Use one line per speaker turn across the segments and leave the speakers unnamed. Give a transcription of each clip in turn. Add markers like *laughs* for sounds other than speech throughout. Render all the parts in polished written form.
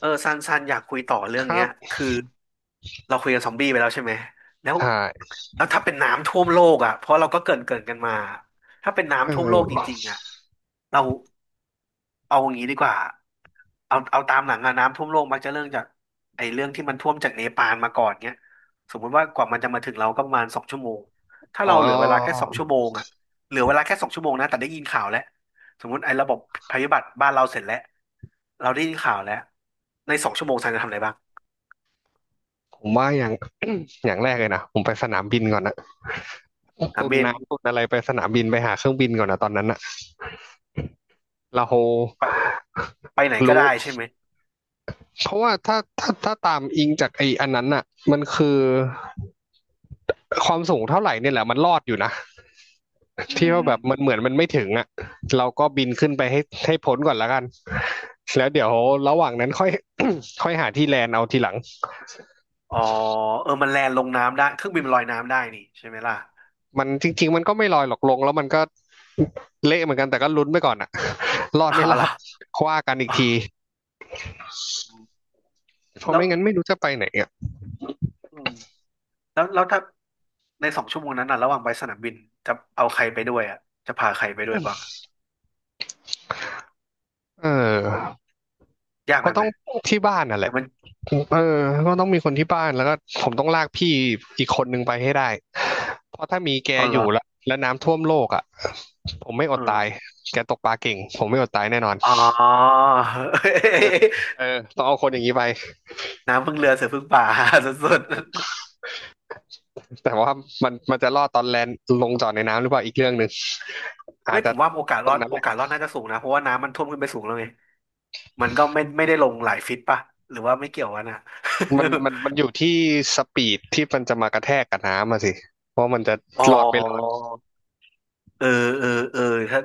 เออซันอยากคุยต่อเรื่
ค
อง
รั
เนี้ย
บ
คือเราคุยกันซอมบี้ไปแล้วใช่ไหมแล้ว
ใช่
แล้วถ้าเป็นน้ำท่วมโลกอ่ะเพราะเราก็เกรินกันมาถ้าเป็น
เอ
น้ำท่วมโล
อ
กจริงๆอ่ะเราเอาอย่างนี้ดีกว่าเอาตามหลังอะน้ำท่วมโลกมักจะเรื่องจากไอ้เรื่องที่มันท่วมจากเนปาลมาก่อนเนี้ยสมมุติว่ากว่ามันจะมาถึงเราก็ประมาณ 2 ชั่วโมงถ้า
อ๋อ
เราเหลือเวลาแค่สองชั่วโมงอ่ะเหลือเวลาแค่สองชั่วโมงนะแต่ได้ยินข่าวแล้ว สมมติไอ้ระบบภัยพิบัติบ้านเราเสร็จแล้วเราได้ยินข่าวแล้วในสองชั่วโมงซันจะทำอะไรบ้าง
ผมว่า *coughs* *clears throat* อย่างแรกเลยนะผมไปสนามบินก่อนนะ
ถาม
คุณ
เบน
น้ำคุณอะไรไปสนามบินไปหาเครื่องบินก่อนนะตอนนั้นนะเรา
ไปไปไหนก็
รู้
ได้ใช่ไหม
เพราะว่าถ้าตามอิงจากไอ้อันนั้นน่ะมันคือความสูงเท่าไหร่เนี่ยแหละมันรอดอยู่นะ
อื
ที่
ม
ว่า
อื
แบ
ม
บมันเหมือนมันไม่ถึงอ่ะเราก็บินขึ้นไปให้พ้นก่อนแล้วกันแล้วเดี๋ยวระหว่างนั้นค่อย *coughs* ค่อยหาที่แลนด์เอาทีหลัง
อ๋อเออมันแลนด์ลงน้ำได้เครื่องบินมันลอยน้ำได้นี่ใช่ไหมล่ะ
มันจริงๆมันก็ไม่ลอยหรอกลงแล้วมันก็เละเหมือนกันแต่ก็ลุ้นไปก่อนอะ *laughs* รอดไม่
เอา
รอด
ล่ะ
คว่ากันอี
อ๋
ก
อ
ทีเพราะ
แล้
ไม่
ว
งั้นไม่รู้จะไปไหนอ่ะ
อืมแล้วถ้าในสองชั่วโมงนั้นน่ะระหว่างไปสนามบินจะเอาใครไปด้วยอ่ะจะพาใครไปด้วยบ้างอะ
เออ
ยากไหม
ก็
ไห
ต้
ม
องที่บ้านน่ะแห
แต่
ละ
มัน
เออก็ต้องมีคนที่บ้านแล้วก็ผมต้องลากพี่อีกคนนึงไปให้ได้เพราะถ้ามีแก
อ๋อเห
อ
รอ
ยู่แล้วแล้วน้ำท่วมโลกอ่ะผมไม่อ
เอ
ด
อ
ตายแกตกปลาเก่งผมไม่อดตายแน่นอน
อ๋อ
เออ
*laughs*
เออต้องเอาคนอย่างนี้ไป
น้ำพึ่งเรือเสือพึ่งป่า *laughs* สุด
แต่ว่ามันจะรอดตอนแลนด์ลงจอดในน้ำหรือเปล่าอีกเรื่องหนึ่งอา
เฮ้
จ
ยผ
จะ
มว่าโอกาสรอดโอกาสรอดน่าจะสูงนะเพราะว่าน้ำมันท่วมขึ้นไปสูงแล้วไงมันก็ไม่ได้ลงหลายฟิตป่ะหรือว่าไม่เกี่ยวกันนะ
มันอยู่ที่สปีดที่มันจะมากระแทกกับน้ำอะสิว่ามันจะ
*laughs* อ๋อ
หลอดไม่หลอด
เออเออเออถ้า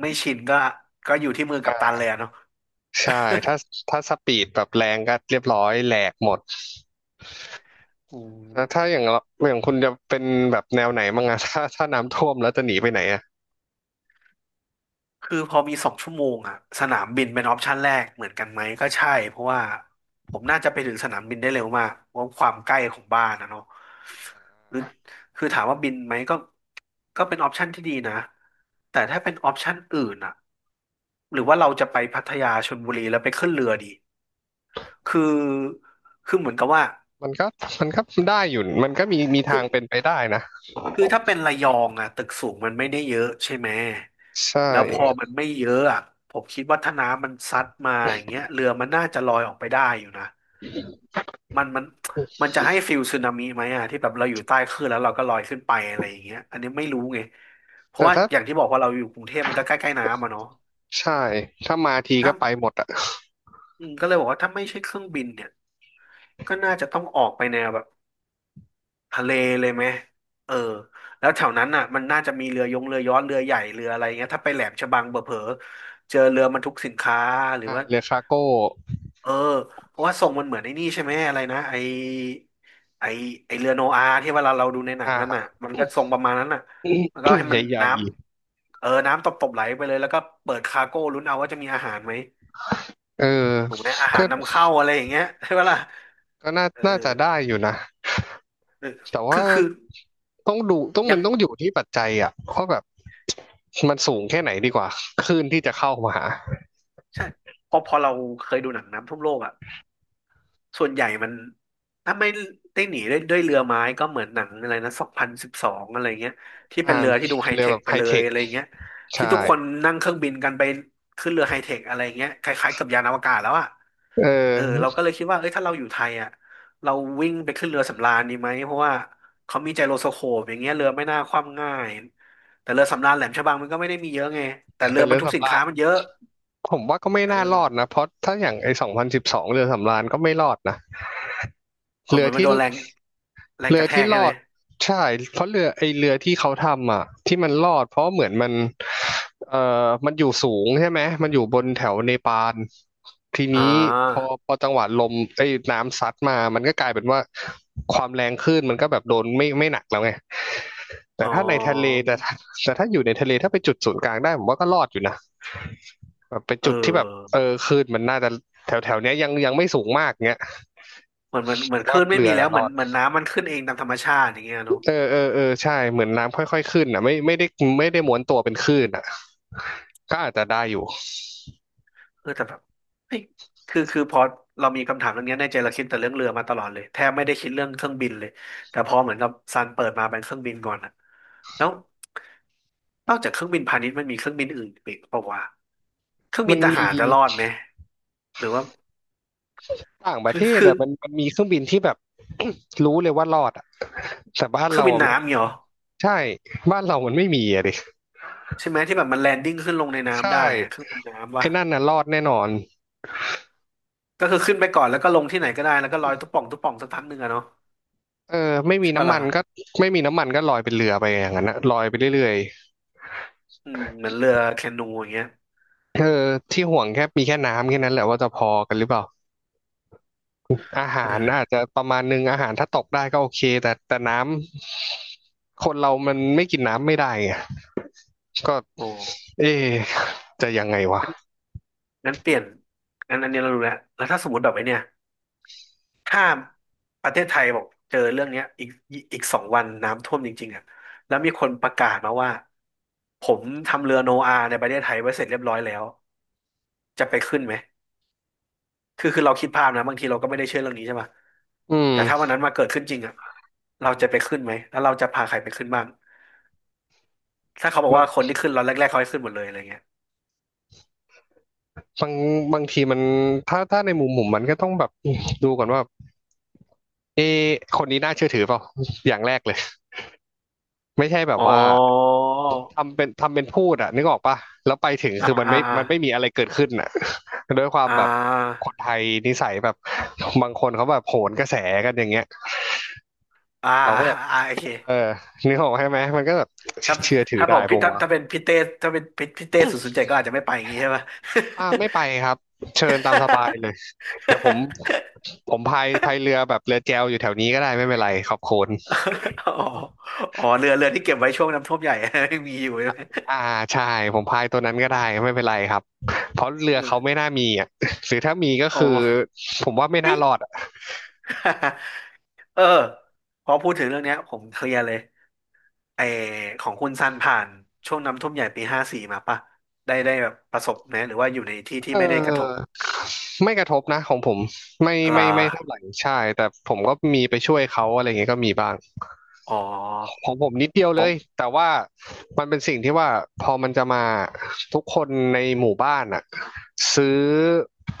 ไม่ชินก็ก็อยู่ที่มือ
อ่
กัปตันเลย
า
อะเนาะ
ใช่ถ้าถ้าสปีดแบบแรงก็เรียบร้อยแหลกหมด
อื
แล้วถ้า
ม
อย่างเราอย่างคุณจะเป็นแบบแนวไหนบ้างอะ *laughs* ถ้าน้ำท่วมแล้วจะหนีไปไหนอะ
คือพอมีสองชั่วโมงอะสนามบินเป็นออปชั่นแรกเหมือนกันไหมก็ใช่เพราะว่าผมน่าจะไปถึงสนามบินได้เร็วมากเพราะความใกล้ของบ้านนะเนาะหรือคือถามว่าบินไหมก็ก็เป็นออปชั่นที่ดีนะแต่ถ้าเป็นออปชั่นอื่นอะ หรือว่าเราจะไปพัทยาชลบุรีแล้วไปขึ้นเรือดีคือคือเหมือนกับว่า
มันก็มันก็ได้อยู่มันก็มี
คื
ทา
อ
งเป็นไปได้นะ
คือถ้าเป็นระยองอะตึกสูงมันไม่ได้เยอะใช่ไหม
ใช่
แล้วพอมันไม่เยอะอะผมคิดว่าถ้าน้ำมันซัดมาอย่างเงี้ยเรือมันน่าจะลอยออกไปได้อยู่นะมันมันมันจะให้ฟิลสึนามิไหมอะที่แบบเราอยู่ใต้คลื่นแล้วเราก็ลอยขึ้นไปอะไรอย่างเงี้ยอันนี้ไม่รู้ไงเพราะ
แต่
ว่า
ถ้า
อย่างที่บอกว่าเราอยู่กรุงเทพมันก็ใกล้ๆน้ำอะเนาะ
ใช่ถ้ามาที
ถ้า
ก็ไปหมดอะ
อืมก็เลยบอกว่าถ้าไม่ใช่เครื่องบินเนี่ยก็น่าจะต้องออกไปแนวแบบ ทะเลเลยไหมเออแล้วแถวนั้นน่ะมันน่าจะมีเรือยงเรือยอนเรือใหญ่เรืออะไรเงี้ยถ้าไปแหลมฉบังเบเผลอๆเจอเรือบรรทุกสินค้าหรือ
อ่า
ว่า
เรือฟาร์โก้
เออเพราะว่าทรงมันเหมือนไอ้นี่ใช่ไหมอะไรนะไอไอเรือโนอาห์ที่เวลาเราดูในหนังนันน่ะ
อ่า
มันก็ทรงประมาณนั้นน่ะแล้วก็ให้
*coughs* ใ
มัน
หญ่
น้ำเออน้ำตบๆไหลไปเลยแล้วก็เปิดคาร์โก้ลุ้นเอาว่าจะมีอาหารไหม
ๆเออ
ถูกไหมอาหา
ก็
รนำเข้าอะไรอย่างเงี้ยใช่ปะล่ะ
ก็น่า
เออ
น่าจะได้อยู่นะ
เออ
แต่ว่า
คือ
ต้องดูต้อง
ยั
มั
ง
นต้องอยู่ที่ปัจจัยอ่ะว่าแบบมันสูงแค่ไหนดีกว่าคลื่นที่จะเข้ามาหา
ใช่เพราะพอเราเคยดูหนังน้ำท่วมโลกอ่ะส่วนใหญ่มันถ้าไม่ได้หนีด้วยเรือไม้ก็เหมือนหนังอะไรนะ2012อะไรเงี้ยที่เป็
อ่า
นเรือที่ดูไฮ
เรื
เท
อแบ
ค
บ
ไป
ไฮ
เล
เท
ย
ค
อะไรเงี้ยที่
ใช่
ทุกคนนั่งเครื่องบินกันไปขึ้นเรือไฮเทคอะไรเงี้ยคล้ายๆกับยานอวกาศแล้วอ่ะ
เ
เออเรา
ออ
ก็เลยคิดว่าเอ้ยถ้าเราอยู่ไทยอ่ะเราวิ่งไปขึ้นเรือสำราญดีไหมเพราะว่าเขามีไจโรสโคปอย่างเงี้ยเรือไม่น่าคว่ำง่ายแต่เรือสำราญแหลมฉบังมันก็ไม่ได้มีเยอะไงแต่เรื
แต่
อ
เรื
มัน
อ
ทุกสิ
สำ
น
รา
ค้า
ญ
มันเยอะ
ผมว่าก็ไม่
เอ
น่าร
อ
อดนะเพราะถ้าอย่างไอ้2012เรือสำราญก็ไม่รอดนะ
อ๋อ
เรื
เห
อ
มือนมัน
ที่
โดนแรง แรง
เรื
ก
อ
ระแท
ที่
ก
ร
ใช่
อ
ไหม
ดใช่เพราะเรือไอ้เรือที่เขาทำอ่ะที่มันรอดเพราะเหมือนมันมันอยู่สูงใช่ไหมมันอยู่บนแถวเนปาลที
อ่
นี้พอ
า
พอจังหวะลมไอ้น้ำซัดมามันก็กลายเป็นว่าความแรงคลื่นมันก็แบบโดนไม่หนักแล้วไงแต่
อ๋อ
ถ้าในทะเลแต่ถ้าอยู่ในทะเลถ้าไปจุดศูนย์กลางได้ผมว่าก็รอดอยู่นะ แบบเป็น
เอ
จุดที่แบบเออ
อ
คลื่นมันน่าจะแถวแถวเนี้ยยังไม่สูงมากเงี้ย
เหมือนเหมือนเห
ผ
มือน
ม
ค
ว่า
ลื่นไม่
เรือ
มีแล้
น่ะ
ว
ร
เหมือ
อ
น
ด
เหมือนน้ำมันขึ้นเองตามธรรมชาติอย่างเงี้ยเนอะ
เออเออเออใช่เหมือนน้ำค่อยๆขึ้นอ่ะไม่ได้ม้วนตัวเป็นคลื่นอ่ะก็อาจจะได้อยู่
เออแต่แบบเฮ้ยคือพอเรามีคำถามเรื่องเนี้ยในใจเราคิดแต่เรื่องเรือมาตลอดเลยแทบไม่ได้คิดเรื่องเครื่องบินเลยแต่พอเหมือนกับซันเปิดมาเป็นเครื่องบินก่อนอะแล้วนอกจากเครื่องบินพาณิชย์มันมีเครื่องบินอื่นอีกเปล่าวะเครื่อง
มั
บิน
น
ท
มี
หารจะรอดไหม หรือว่า
ต่างประ
คื
เท
อ
ศ
คือ
อ่ะมันมีเครื่องบินที่แบบ *coughs* รู้เลยว่ารอดอ่ะแต่บ้าน
เครื่อ
เรา
งบิน
อ่ะไม่
น้ำเนียเหรอ
ใช่บ้านเรามันไม่มีอ่ะดิ
ใช่ไหมที่แบบมันแลนดิ้งขึ้นลงใน
ใช่
น้ำได้อะเครื่องบินน้ำวะ
ไอ้นั่นน่ะรอดแน่นอน
ก็คือขึ้นไปก่อนแล้วก็ลงที่ไหนก็ได้แล้วก็ลอยตุ๊ป่องตุ๊ป่องสักพักหนึ่งอะเนาะ
เออไม่มี
ใช่ปะ
น้ำมั
ล่ะ
นก็ไม่มีน้ำมันก็ลอยเป็นเรือไปอย่างนั้นนะลอยไปเรื่อย
อืมเหมือนเรือแคนูอย่างเงี้ย
ๆเออที่ห่วงแค่มีแค่น้ำแค่นั้นแหละว่าจะพอกันหรือเปล่า อาหารอาจ
เออ
จะประมาณนึงอาหารถ้าตกได้ก็โอเคแต่แต่น้ำคนเรามันไม่กินน้ำไม่ได้ไงก็
โอ้
เอ๊ะจะยังไงวะ
งั้นเปลี่ยนงั้นอันนี้เรารู้แล้วแล้วถ้าสมมติแบบไอ้เนี่ยถ้าประเทศไทยบอกเจอเรื่องเนี้ยอีกอีก2 วันน้ำท่วมจริงๆอะแล้วมีคนประกาศมาว่าผมทำเรือโนอาในประเทศไทยไว้เสร็จเรียบร้อยแล้วจะไปขึ้นไหม คือเราคิดภาพนะบางทีเราก็ไม่ได้เชื่อเรื่องนี้ใช่ไหม
อื
แต่ถ้าวั
ม
นนั้นมาเกิดขึ้นจริงอ่ะเราจะไปขึ้นไหมแล้วเราจะพาใครไปขึ้นบ้างถ้าเขาบอก
บาง
ว่าคนที่ขึ้นเราแรกๆเขาให้ขึ้นหมดเลยอะไรเงี้ย
บางบางทีมันถ้าในมุมผมมันก็ต้องแบบดูก่อนว่าเอ๊ะคนนี้น่าเชื่อถือเปล่าอย่างแรกเลยไม่ใช่แบบ
อ๋อ
ว่าทำเป็นพูดอ่ะนึกออกปะแล้วไปถึง
อ่า
คือมัน
อ่า
ไม่มันไม่มีอะไรเกิดขึ้นอะ *laughs* ด้วยความ
อ่
แบบ
า
คนไทยนิสัยแบบบางคนเขาแบบโหนกระแสกันอย่างเงี้ย
อ่า
เราก็แบบ
อ่าโอเค
เออ *laughs* นึกออกใช่ไหมมันก็แบบ
ถ้า
*laughs* เชื่อถือ
ถ้า
ได้
บอก
ผ
พี่
ม
ถ้า
วะ
ถ้าเป็นพี่เต้ถ้าเป็นพี่เต้007ก็อาจจะไม่ไปอย่างงี้ใช่ไหม
อ่าไม่ไปครับเชิญตามสบายเลยเดี๋ยวผม
*laughs*
ผมพายเรือแบบเรือแจวอยู่แถวนี้ก็ได้ไม่เป็นไรขอบคุณ
อ๋ออ๋อเรือที่เก็บไว้ช่วงน้ำท่วมใหญ่ *laughs* ยังมีอยู่ใช่ไหม
อ่าใช่ผมพายตัวนั้นก็ได้ไม่เป็นไรครับเพราะเรือ
เออ
เขาไม่น่ามีอ่ะ *laughs* หรือถ้ามีก็
อ๋อ
คือผมว่าไม่น่ารอดอะ
*laughs* เออพอพูดถึงเรื่องเนี้ยผมเคลียร์เลยไอของคุณซันผ่านช่วงน้ำท่วมใหญ่ปี54มาป่ะได้ได้แบบประสบไหมหรือว่าอยู่ในที่ที่
เอ
ไม่ได้กระทบ
อไม่กระทบนะของผมไม่ไม่
ลา
ไม่เท่าไหร่ใช่แต่ผมก็มีไปช่วยเขาอะไรอย่างเงี้ยก็มีบ้าง
อ๋อ
ของผมนิดเดียว
ข
เล
อง
ยแต่ว่ามันเป็นสิ่งที่ว่าพอมันจะมาทุกคนในหมู่บ้านอะซื้อ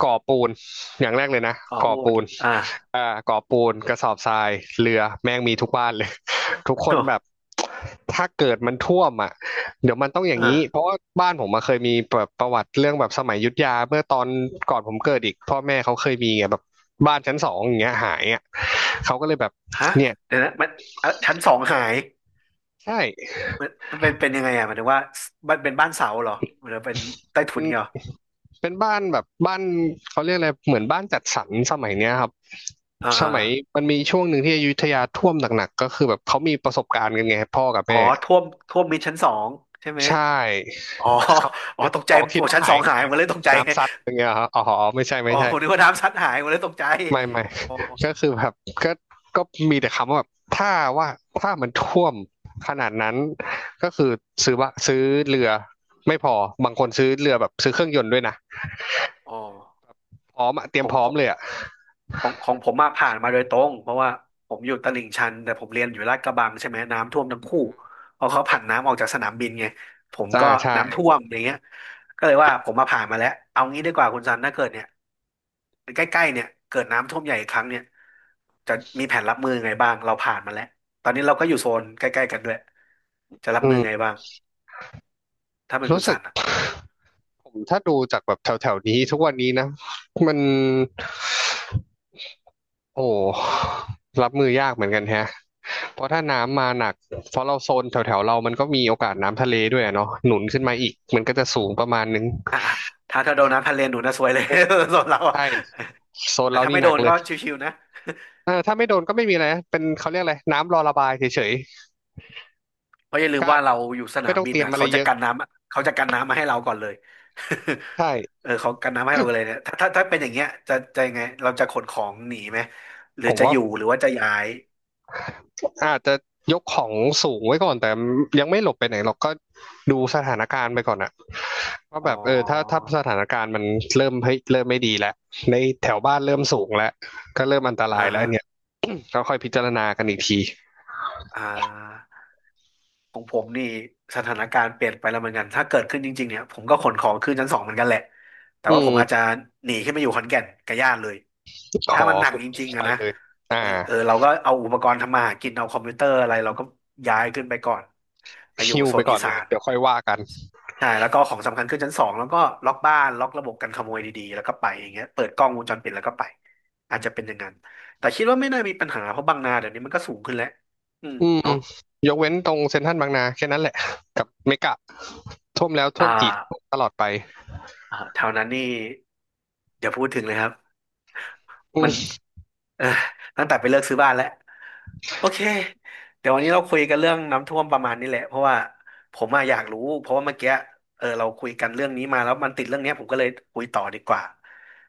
ก่อปูนอย่างแรกเลยนะ
ข้อ
ก่อ
มูล
ปูน
อ่า
อ่ะก่อปูนกระสอบทรายเรือแม่งมีทุกบ้านเลย *laughs* ทุกคน
โอ้
แบบถ้าเกิดมันท่วมอ่ะเดี๋ยวมันต้องอย่างนี้เพ
อ่า
ราะว่าบ้านผมมาเคยมีแบบประวัติเรื่องแบบสมัยอยุธยาเมื่อตอนก่อนผมเกิดอีกพ่อแม่เขาเคยมีไงแบบบ้านชั้นสองอย่างเงี้ยหายอ่ะเขาก็เลยแบบ
ฮะ
เนี่ย
เดี๋ยวนะมันอ่ะชั้นสองหาย
ใช่
มันมันเป็นยังไงอ่ะหมายถึงว่ามันเป็นบ้านเสาเหรอหรือเป็นใต้
เป็
ถุ
น
นเงี้ยเหรอ
เป็นบ้านแบบบ้านเขาเรียกอะไรเหมือนบ้านจัดสรรสมัยเนี้ยครับ
อ่า
ส
อ่า
มัย
อา
มันมีช่วงหนึ่งที่อยุธยาท่วมหนักๆก็คือแบบเขามีประสบการณ์กันไงพ่อกับ
อ๋อ
แม่
ท่วมมิดชั้นสองใช่ไหม
ใช่
อ๋อ
เขา
อ๋อตกใจ
อ๋อคิด
โอ้
ว่า
ชั้น
หา
สอ
ย
งหาย
หาย
หมด
แบบ
เลยตกใจ
น้ำซัดอย่างเงี้ยเหรอครับอ๋อไม่ใช่
อ๋
ไม่
อ
ใช่
ผมนึกว่าน้ำซัดหายผมเลยตกใจ
ไม่ไม่
อ๋อ
*laughs* ก็คือแบบก็ก็มีแต่คำว่าแบบถ้าว่าถ้ามันท่วมขนาดนั้นก็คือซื้อว่าซื้อเรือไม่พอบางคนซื้อเรือแบบซื้อเครื่องยนต์ด้วยนะ
อ๋อ
พร้อมอะเตรี
ข
ยม
อง
พร้อ
ข
ม
อง
เลยอะ
ของผมมาผ่านมาโดยตรงเพราะว่าผมอยู่ตลิ่งชันแต่ผมเรียนอยู่ลาดกระบังใช่ไหมน้ำท่วมทั้งคู่เพราะเขาผันน้ำออกจากสนามบินไงผม
จ้า
ก็
ใช่
น้ำท่วมอย่างเงี้ยก็เลยว่าผมมาผ่านมาแล้วเอางี้ดีกว่าคุณซันถ้าเกิดเนี่ยใกล้ๆเนี่ยเกิดน้ำท่วมใหญ่อีกครั้งเนี่ยจะมีแผนรับมือไงบ้างเราผ่านมาแล้วตอนนี้เราก็อยู่โซนใกล้ๆกันด้วยจะรับ
อื
มือไง
ม
บ้างถ้าเป็นคุ
รู้
ณ
สึ
ซั
ก
น
*sighs* ผมถ้าดูจากแบบแถวแถวนี้ทุกวันนี้นะมันโอ้รับมือยากเหมือนกันแฮะเพราะถ้าน้ำมาหนักเพราะเราโซนแถวแถวเรามันก็มีโอกาสน้ำทะเลด้วยอะเนาะหนุนขึ้นมาอีกมันก็จะสูงประมาณนึง
อ่ะอ่ะถ้าโดนน้ำทะเลนหนูนะซวยเลย
เออ
*laughs* ส่วนเราอะ
ใช่โซน
แต่
เรา
ถ้า
นี่
ไม่
ห
โด
นัก
น
เล
ก็
ย
ชิวๆนะ
เออถ้าไม่โดนก็ไม่มีอะไรนะเป็นเขาเรียกอะไรน้ำรอระบายเฉย
เพราะอย่าลื
ๆก็
ม
อา
ว่า
จ
เราอยู่สนา
ไม่
ม
ต้อง
บิน
เตรียม
อ่ะ
อะไร
เขาจะ
เยอะ
กันน้ำเขาจะกันน้ำมาให้เราก่อนเลย
ใช่
*laughs* เออเขากันน้ำให้เราเลยเนี่ยถ้าเป็นอย่างเงี้ยจะยังไงเราจะขนของหนีไหมหรื
ผ
อ
ม
จะ
ว่า
อยู่หรือว่าจะย้าย
อาจจะยกของสูงไว้ก่อนแต่ยังไม่หลบไปไหนหรอกก็ดูสถานการณ์ไปก่อนอะว่า
อ๋อ
แบบเออถ้าถ้าสถานการณ์มันเริ่มเ้เริ่มไม่ดีแล้วในแถวบ้านเริ่มสูงแล้วก็เริ่มอันตราย
อ่า
แล้ว
ฮะ
เนี่ยก็ค่อยพิจารณากันอีกที
อ่า ของผมนี่สถานการณ์เปลี่ยนไปแล้วเหมือนกันถ้าเกิดขึ้นจริงๆเนี่ยผมก็ขนของขึ้นชั้นสองเหมือนกันแหละแต่
อื
ว่าผมอาจจะ
ม
หนีขึ้นไปอยู่ขอนแก่นกับญาติเลย
ข
ถ้า
อ
มันหนักจริงๆ
ไป
อะนะ
เลยอ่า
เออเออเราก็เอาอุปกรณ์ทำมาหากินเอาคอมพิวเตอร์อะไรเราก็ย้ายขึ้นไปก่อนไปอยู่
ฮิว
โซ
ไป
น
ก่
อี
อน
สา
เลย
น
เดี๋ยวค่อยว่ากัน
ใช่แล้วก็ของสำคัญขึ้นชั้นสองแล้วก็ล็อกบ้านล็อกระบบกันขโมยดีๆแล้วก็ไปอย่างเงี้ยเปิดกล้องวงจรปิดแล้วก็ไปอาจจะเป็นอย่างนั้นแต่คิดว่าไม่น่ามีปัญหาเพราะบางนาเดี๋ยวนี้มันก็สูงขึ้นแล้วอืม
อืม
เนาะ
ยกเว้นตรงเซ็นทรัลบางนาแค่นั้นแหละกับเมกะท่วมแล้วท่
อ่
วมอีก
า
ตลอดไป
อ่าแถวนั้นนี่อย่าพูดถึงเลยครับ
อื
มัน
ม
เออตั้งแต่ไปเลิกซื้อบ้านแล้วโอเคเดี๋ยววันนี้เราคุยกันเรื่องน้ำท่วมประมาณนี้แหละเพราะว่าผมอะอยากรู้เพราะว่าเมื่อกี้เออเราคุยกันเรื่องนี้มาแล้วมันติดเรื่องเนี้ยผมก็เลยคุยต่อดีกว่า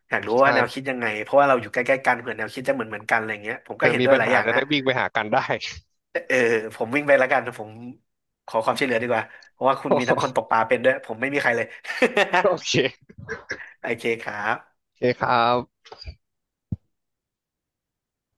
อยากรู้ว่าแนว
ใช่
คิดยังไงเพราะว่าเราอยู่ใกล้ๆกันเผื่อแนวคิดจะเหมือนกันอะไรเงี้ยผม
เธ
ก็
อ
เห็น
มี
ด้วย
ปัญ
หลาย
หา
อย่าง
จะ
นะ
ได้วิ่งไปหากันได้
เออผมวิ่งไปแล้วกันผมขอความช่วยเหลือดีกว่าเพราะว่าคุณมีทั้งคนตกป
*laughs*
ลาเป็นด้วยผมไม่มีใครเลย
โอเค
*laughs* โอเคครับ
โอเคครับ